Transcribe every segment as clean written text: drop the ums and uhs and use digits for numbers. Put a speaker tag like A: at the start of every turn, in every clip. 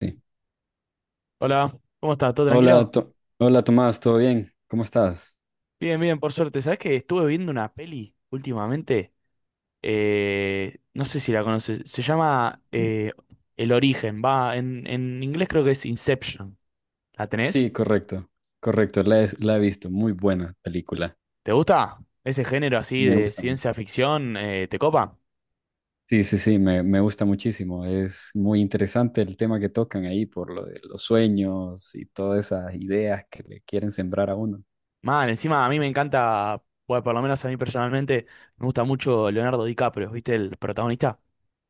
A: Sí.
B: Hola, ¿cómo estás? ¿Todo
A: Hola,
B: tranquilo?
A: Tomás, ¿todo bien? ¿Cómo estás?
B: Bien, bien, por suerte. ¿Sabés que estuve viendo una peli últimamente? No sé si la conoces. Se llama El Origen. Va, en inglés creo que es Inception. ¿La tenés?
A: Sí, correcto, correcto, la he visto, muy buena película,
B: ¿Te gusta? Ese género así
A: me
B: de
A: gusta mucho.
B: ciencia ficción, ¿te copa?
A: Sí, sí, sí, me gusta muchísimo. Es muy interesante el tema que tocan ahí por lo de los sueños y todas esas ideas que le quieren sembrar a uno.
B: Mal, encima a mí me encanta, bueno, por lo menos a mí personalmente, me gusta mucho Leonardo DiCaprio, ¿viste? El protagonista.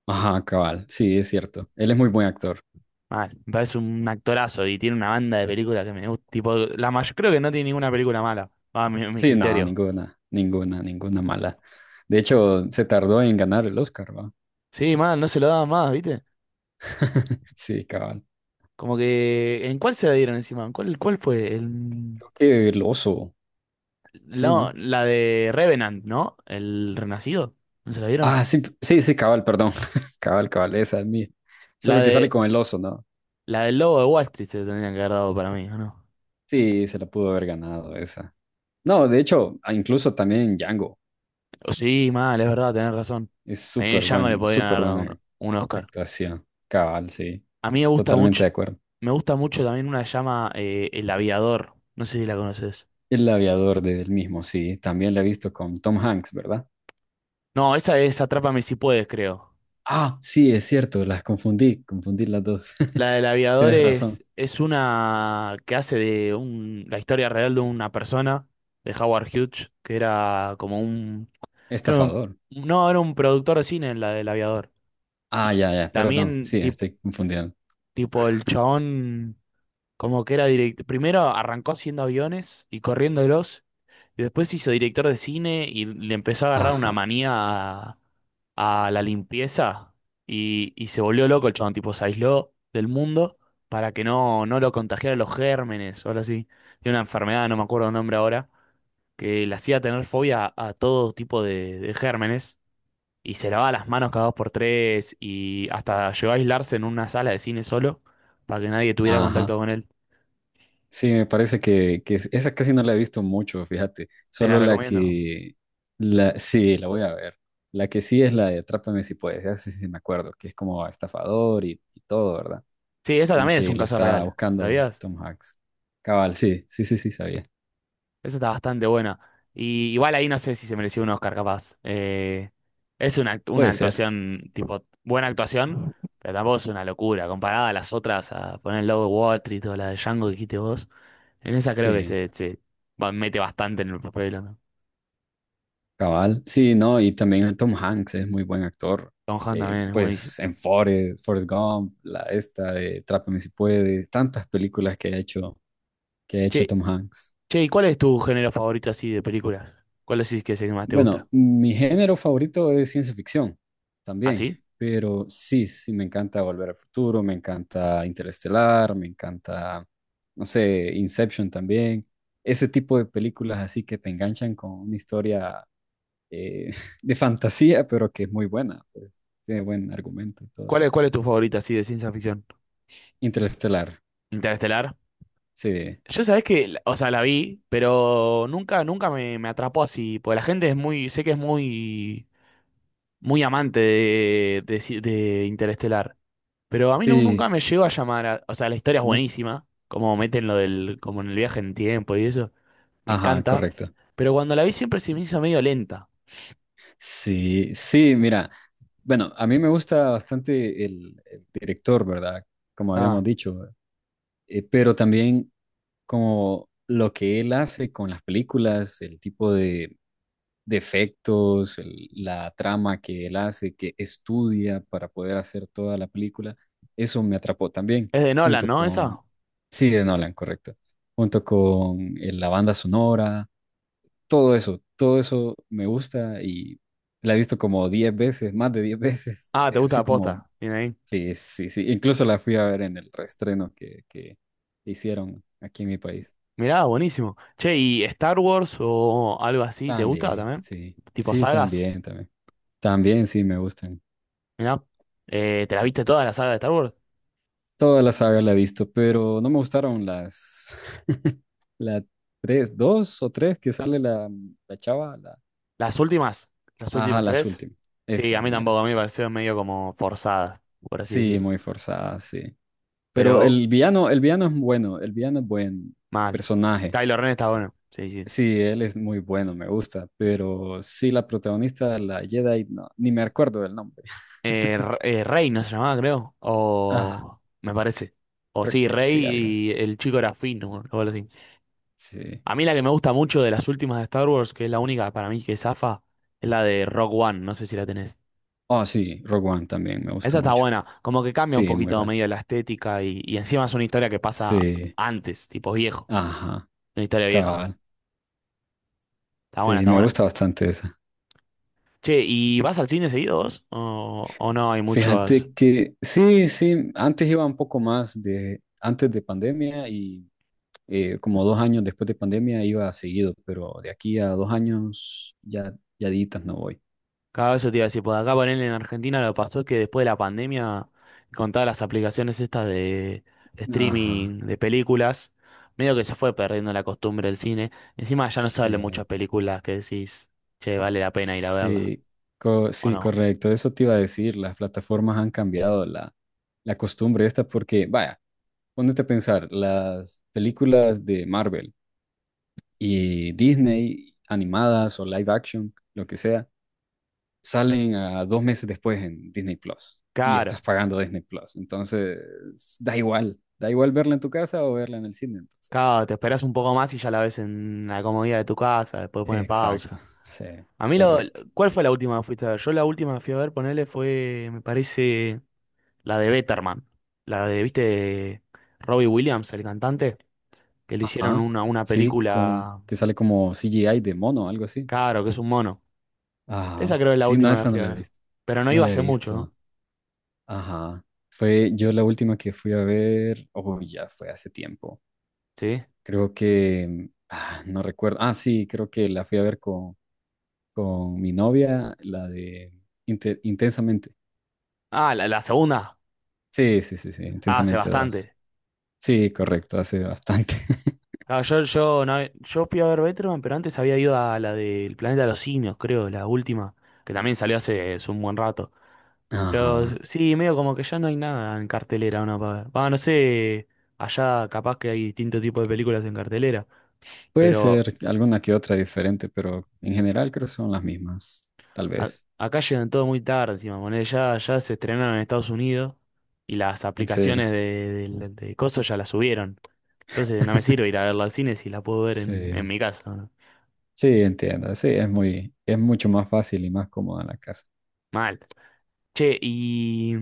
A: Ajá, cabal, sí, es cierto, él es muy buen actor.
B: Mal, me parece un actorazo y tiene una banda de películas que me gusta. Tipo, la mayor, creo que no tiene ninguna película mala, a mi
A: Sí, no,
B: criterio.
A: ninguna, ninguna, ninguna mala. De hecho, se tardó en ganar el Oscar, ¿va?
B: Sí, mal, no se lo daban más, ¿viste?
A: Sí, cabal.
B: Como que, ¿en cuál se la dieron encima? ¿En ¿Cuál fue?
A: Creo que el oso, sí,
B: La,
A: ¿no?
B: la de Revenant, ¿no? ¿El Renacido? ¿No se la dieron?
A: Ah, sí, sí, sí, cabal, perdón. Cabal, cabal, esa es mía. Esa es
B: La
A: lo que sale
B: de,
A: con el oso, ¿no?
B: la del Lobo de Wall Street se la tendrían que haber dado para mí, ¿o ¿no?
A: Sí, se la pudo haber ganado esa. No, de hecho, incluso también Django.
B: Sí, mal, es verdad, tenés razón.
A: Es
B: A mí en Django le podrían
A: súper
B: haber dado
A: buena
B: un Oscar.
A: actuación. Cabal, sí.
B: A mí
A: Totalmente de acuerdo.
B: me gusta mucho también una que se llama El Aviador. No sé si la conoces.
A: El aviador de él mismo, sí. También la he visto con Tom Hanks, ¿verdad?
B: No, esa es Atrápame si puedes, creo.
A: Ah, sí, es cierto, las confundí las dos.
B: La del aviador
A: Tienes razón.
B: es una que hace de un, la historia real de una persona, de Howard Hughes, que era como un, creo,
A: Estafador.
B: no, era un productor de cine en la del aviador.
A: Ah, ya,
B: Y
A: ya, perdón.
B: también,
A: Sí, estoy confundiendo.
B: tipo el chabón. Como que era director. Primero arrancó haciendo aviones y corriéndolos. Después se hizo director de cine y le empezó a agarrar una
A: Ajá,
B: manía a la limpieza. Y se volvió loco el chabón, tipo, se aisló del mundo para que no lo contagiaran los gérmenes o algo así. Tiene una enfermedad, no me acuerdo el nombre ahora, que le hacía tener fobia a todo tipo de gérmenes. Y se lavaba las manos cada dos por tres. Y hasta llegó a aislarse en una sala de cine solo para que nadie tuviera contacto
A: ajá.
B: con él.
A: Sí, me parece que esa casi no la he visto mucho, fíjate.
B: Te la
A: Solo
B: recomiendo.
A: sí, la voy a ver. La que sí es la de Atrápame si puedes, ya sí, sí me acuerdo, que es como estafador y todo, ¿verdad?
B: Sí, esa
A: Y
B: también es
A: que
B: un
A: lo
B: caso
A: está
B: real,
A: buscando
B: ¿sabías?
A: Tom Hanks. Cabal, sí, sí, sí, sí, sabía.
B: Esa está bastante buena. Y igual ahí no sé si se mereció un Oscar, capaz. Es una, una
A: Puede ser,
B: actuación, tipo, buena actuación, pero tampoco es una locura. Comparada a las otras, a poner el logo de Wall Street o la de Django que dijiste vos, en esa creo que
A: sí,
B: mete bastante en el papel, ¿no?
A: cabal. Sí, no, y también el Tom Hanks es muy buen actor.
B: Tom Hanks también es buenísimo.
A: Pues en Forrest Gump, la esta de Atrápame si puedes, tantas películas que ha hecho
B: Che,
A: Tom Hanks.
B: che, ¿y cuál es tu género favorito así de películas? ¿Cuál decís que es el que más te gusta?
A: Bueno, mi género favorito es ciencia ficción
B: ¿Ah,
A: también,
B: sí?
A: pero sí, sí, me encanta Volver al Futuro, me encanta Interestelar, me encanta, no sé, Inception también. Ese tipo de películas así que te enganchan con una historia eh, de fantasía, pero que es muy buena, pues, tiene buen argumento y todo.
B: Cuál es tu favorito así de ciencia ficción?
A: Interestelar,
B: ¿Interestelar?
A: sí,
B: Yo sabés que, o sea, la vi, pero nunca, nunca me atrapó así, porque la gente es muy, sé que es muy, muy amante de, de Interestelar, pero a mí nunca
A: sí,
B: me llegó a llamar, o sea, la historia es
A: no,
B: buenísima, como meten lo del, como en el viaje en tiempo y eso, me
A: ajá,
B: encanta,
A: correcto.
B: pero cuando la vi siempre se me hizo medio lenta.
A: Sí, sí, mira, bueno, a mí me gusta bastante el director, ¿verdad? Como habíamos
B: Ah,
A: dicho, pero también como lo que él hace con las películas, el tipo de efectos, la trama que él hace, que estudia para poder hacer toda la película, eso me atrapó también,
B: es de Nolan,
A: junto
B: ¿no?
A: con,
B: Esa.
A: sí, de Nolan, correcto, junto con la banda sonora, todo eso me gusta y la he visto como 10 veces, más de 10 veces,
B: Ah, te gusta
A: así
B: la
A: como,
B: posta, tiene ahí.
A: sí, sí, sí, incluso la fui a ver en el reestreno que hicieron aquí en mi país.
B: Mirá, buenísimo. Che, ¿y Star Wars o algo así, te gusta
A: También,
B: también?
A: sí,
B: Tipo
A: sí,
B: sagas.
A: también, también, también, sí, me gustan.
B: Mirá, ¿te la viste toda la saga de Star Wars?
A: Toda la saga la he visto, pero no me gustaron las, la tres, dos o tres que sale la, chava, la,
B: ¿Las últimas? ¿Las
A: ajá,
B: últimas
A: las
B: tres?
A: últimas,
B: Sí, a
A: esas
B: mí tampoco,
A: meras.
B: a mí me parecieron medio como forzadas, por así
A: Sí,
B: decirlo.
A: muy forzadas, sí. Pero
B: Pero
A: el villano es bueno, el villano es buen
B: mal.
A: personaje.
B: Kylo Ren está bueno, sí, sí.
A: Sí, él es muy bueno, me gusta, pero sí, la protagonista, la Jedi, no, ni me acuerdo del nombre.
B: Rey no se llamaba, creo.
A: Ajá,
B: O me parece. O
A: creo
B: sí,
A: que sí, algo así.
B: Rey y el chico era Finn, o algo así.
A: Sí.
B: A mí la que me gusta mucho de las últimas de Star Wars, que es la única para mí que zafa, es la de Rock One, no sé si la tenés.
A: Oh, sí, Rogue One también me
B: Esa
A: gustó
B: está
A: mucho.
B: buena, como que cambia un
A: Sí, muy
B: poquito
A: bueno.
B: medio la estética y encima es una historia que pasa
A: Sí,
B: antes, tipo viejo,
A: ajá,
B: una historia vieja.
A: cabal.
B: Está buena,
A: Sí,
B: está
A: me
B: buena.
A: gusta bastante esa.
B: Che, ¿y vas al cine seguido vos? O no hay muchos?
A: Fíjate que sí, sí, antes iba un poco más antes de pandemia y como 2 años después de pandemia iba seguido, pero de aquí a 2 años ya ditas no voy.
B: Cada vez eso te iba a decir, por acá ponerle en Argentina lo que pasó es que después de la pandemia, con todas las aplicaciones estas de
A: Ajá,
B: streaming de películas, medio que se fue perdiendo la costumbre del cine. Encima ya no salen muchas
A: sí,
B: películas que decís, che, vale la pena ir a verla,
A: sí,
B: ¿o
A: sí,
B: no?
A: correcto, eso te iba a decir, las plataformas han cambiado la costumbre esta porque, vaya, ponete a pensar, las películas de Marvel y Disney, animadas o live action, lo que sea, salen a 2 meses después en Disney Plus y estás
B: Claro.
A: pagando Disney Plus. Entonces, da igual verla en tu casa o verla en el cine. Entonces.
B: Claro, te esperas un poco más y ya la ves en la comodidad de tu casa, después pone
A: Exacto,
B: pausa.
A: sí,
B: A mí lo,
A: correcto.
B: ¿Cuál fue la última que fuiste a ver? Yo la última que fui a ver, ponele, fue, me parece, la de Betterman. La de, ¿viste? De Robbie Williams, el cantante, que le hicieron
A: Ajá,
B: una
A: sí, con
B: película,
A: que sale como CGI de mono, algo así.
B: claro, que es un mono. Esa
A: Ajá,
B: creo que es la
A: sí, no,
B: última que
A: esa no
B: fui a
A: la he
B: ver.
A: visto.
B: Pero no
A: No
B: iba
A: la he
B: hace mucho, ¿no?
A: visto. Ajá. Fue yo la última que fui a ver, oh, ya fue hace tiempo.
B: ¿Sí?
A: Creo que, no recuerdo. Ah, sí, creo que la fui a ver con mi novia, la de Intensamente.
B: Ah, la segunda.
A: Sí, sí, sí, sí,
B: Ah, hace
A: Intensamente dos.
B: bastante.
A: Sí, correcto, hace bastante.
B: No, yo fui a ver Betterman, pero antes había ido a la del Planeta de los Simios, creo, la última, que también salió hace un buen rato. Pero
A: Ajá.
B: sí, medio como que ya no hay nada en cartelera, ¿no? Va, no sé, allá capaz que hay distintos tipos de películas en cartelera,
A: Puede
B: pero
A: ser alguna que otra diferente, pero en general creo que son las mismas, tal
B: a-
A: vez.
B: acá llegan todo muy tarde encima, ponele, ya se estrenaron en Estados Unidos y las
A: En serio.
B: aplicaciones de coso ya las subieron. Entonces no me sirve ir a verla al cine si la puedo ver en
A: Sí,
B: mi casa, ¿no?
A: sí, entiendo. Sí, es mucho más fácil y más cómoda la casa.
B: Mal. Che, y...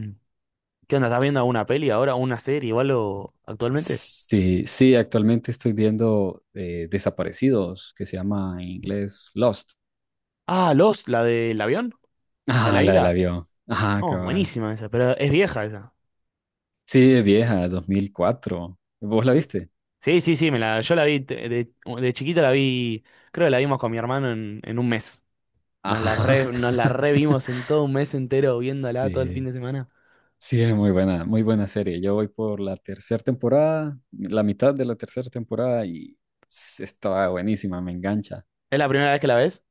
B: ¿Qué onda? ¿Estás viendo una peli ahora, una serie o algo actualmente?
A: Sí, sí, actualmente estoy viendo Desaparecidos, que se llama en inglés Lost.
B: Ah, Los, la del avión, la de
A: Ah,
B: la
A: la del
B: isla.
A: avión. Ajá,
B: No,
A: cabal.
B: buenísima esa, pero es vieja esa.
A: Sí, es vieja, 2004. ¿Vos la viste?
B: Sí, sí, sí, yo la vi de chiquito la vi, creo que la vimos con mi hermano en un mes.
A: Ajá.
B: Nos la revimos en todo un mes entero viéndola todo el fin
A: Sí,
B: de semana.
A: sí, es muy buena serie. Yo voy por la tercera temporada, la mitad de la tercera temporada y estaba buenísima, me engancha.
B: ¿Es la primera vez que la ves?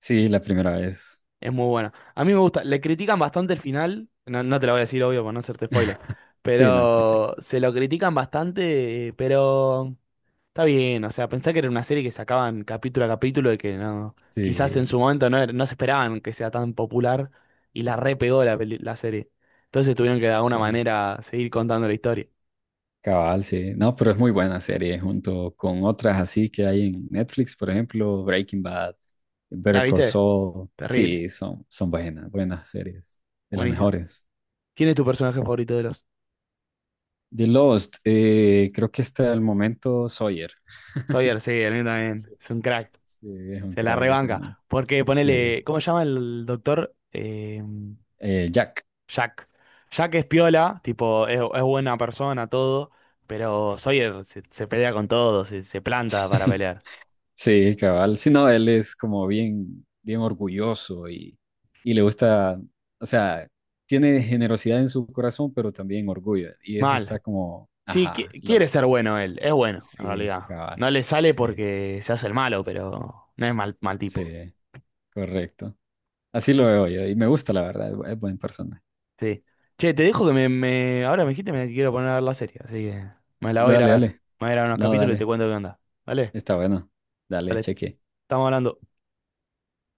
A: Sí, la primera vez.
B: Es muy buena. A mí me gusta, le critican bastante el final, no, no te lo voy a decir obvio por no hacerte spoiler,
A: Sí, no, tranquilo.
B: pero se lo critican bastante, pero... Está bien, o sea, pensá que era una serie que sacaban capítulo a capítulo y que no, quizás en
A: Sí,
B: su momento no, no se esperaban que sea tan popular y la repegó la serie. Entonces tuvieron que de alguna
A: sí.
B: manera seguir contando la historia.
A: Cabal, sí. No, pero es muy buena serie junto con otras así que hay en Netflix, por ejemplo, Breaking Bad,
B: ¿La
A: Better Call
B: viste?
A: Saul.
B: Terrible,
A: Sí, son buenas, buenas series, de las
B: buenísimo.
A: mejores.
B: ¿Quién es tu personaje favorito de los?
A: The Lost, creo que hasta el momento Sawyer.
B: Sawyer, sí, el mío también.
A: Sí,
B: Es un crack,
A: sí, es un
B: se la
A: crack ese man.
B: rebanca. Porque
A: Sí,
B: ponele, ¿cómo se llama el doctor?
A: Jack.
B: Jack. Jack es piola, tipo, es buena persona, todo, pero Sawyer se pelea con todo, se planta para pelear.
A: Sí, cabal. Sí, no, él es como bien, bien orgulloso y le gusta, o sea, tiene generosidad en su corazón, pero también orgullo. Y eso
B: Mal.
A: está como,
B: Sí,
A: ajá, lo,
B: quiere ser bueno él, es bueno, en
A: sí,
B: realidad.
A: cabal.
B: No le sale
A: Sí,
B: porque se hace el malo, pero no es mal tipo.
A: sí, correcto. Así lo veo yo y me gusta, la verdad, es buena persona.
B: Sí. Che, te dejo que ahora me dijiste que me quiero poner a ver la serie, así que me la voy a ir
A: Dale,
B: a ver.
A: dale.
B: Me voy a ir a ver unos
A: No,
B: capítulos y te
A: dale.
B: cuento qué onda. ¿Vale?
A: Está bueno. Dale,
B: Vale,
A: cheque.
B: estamos hablando.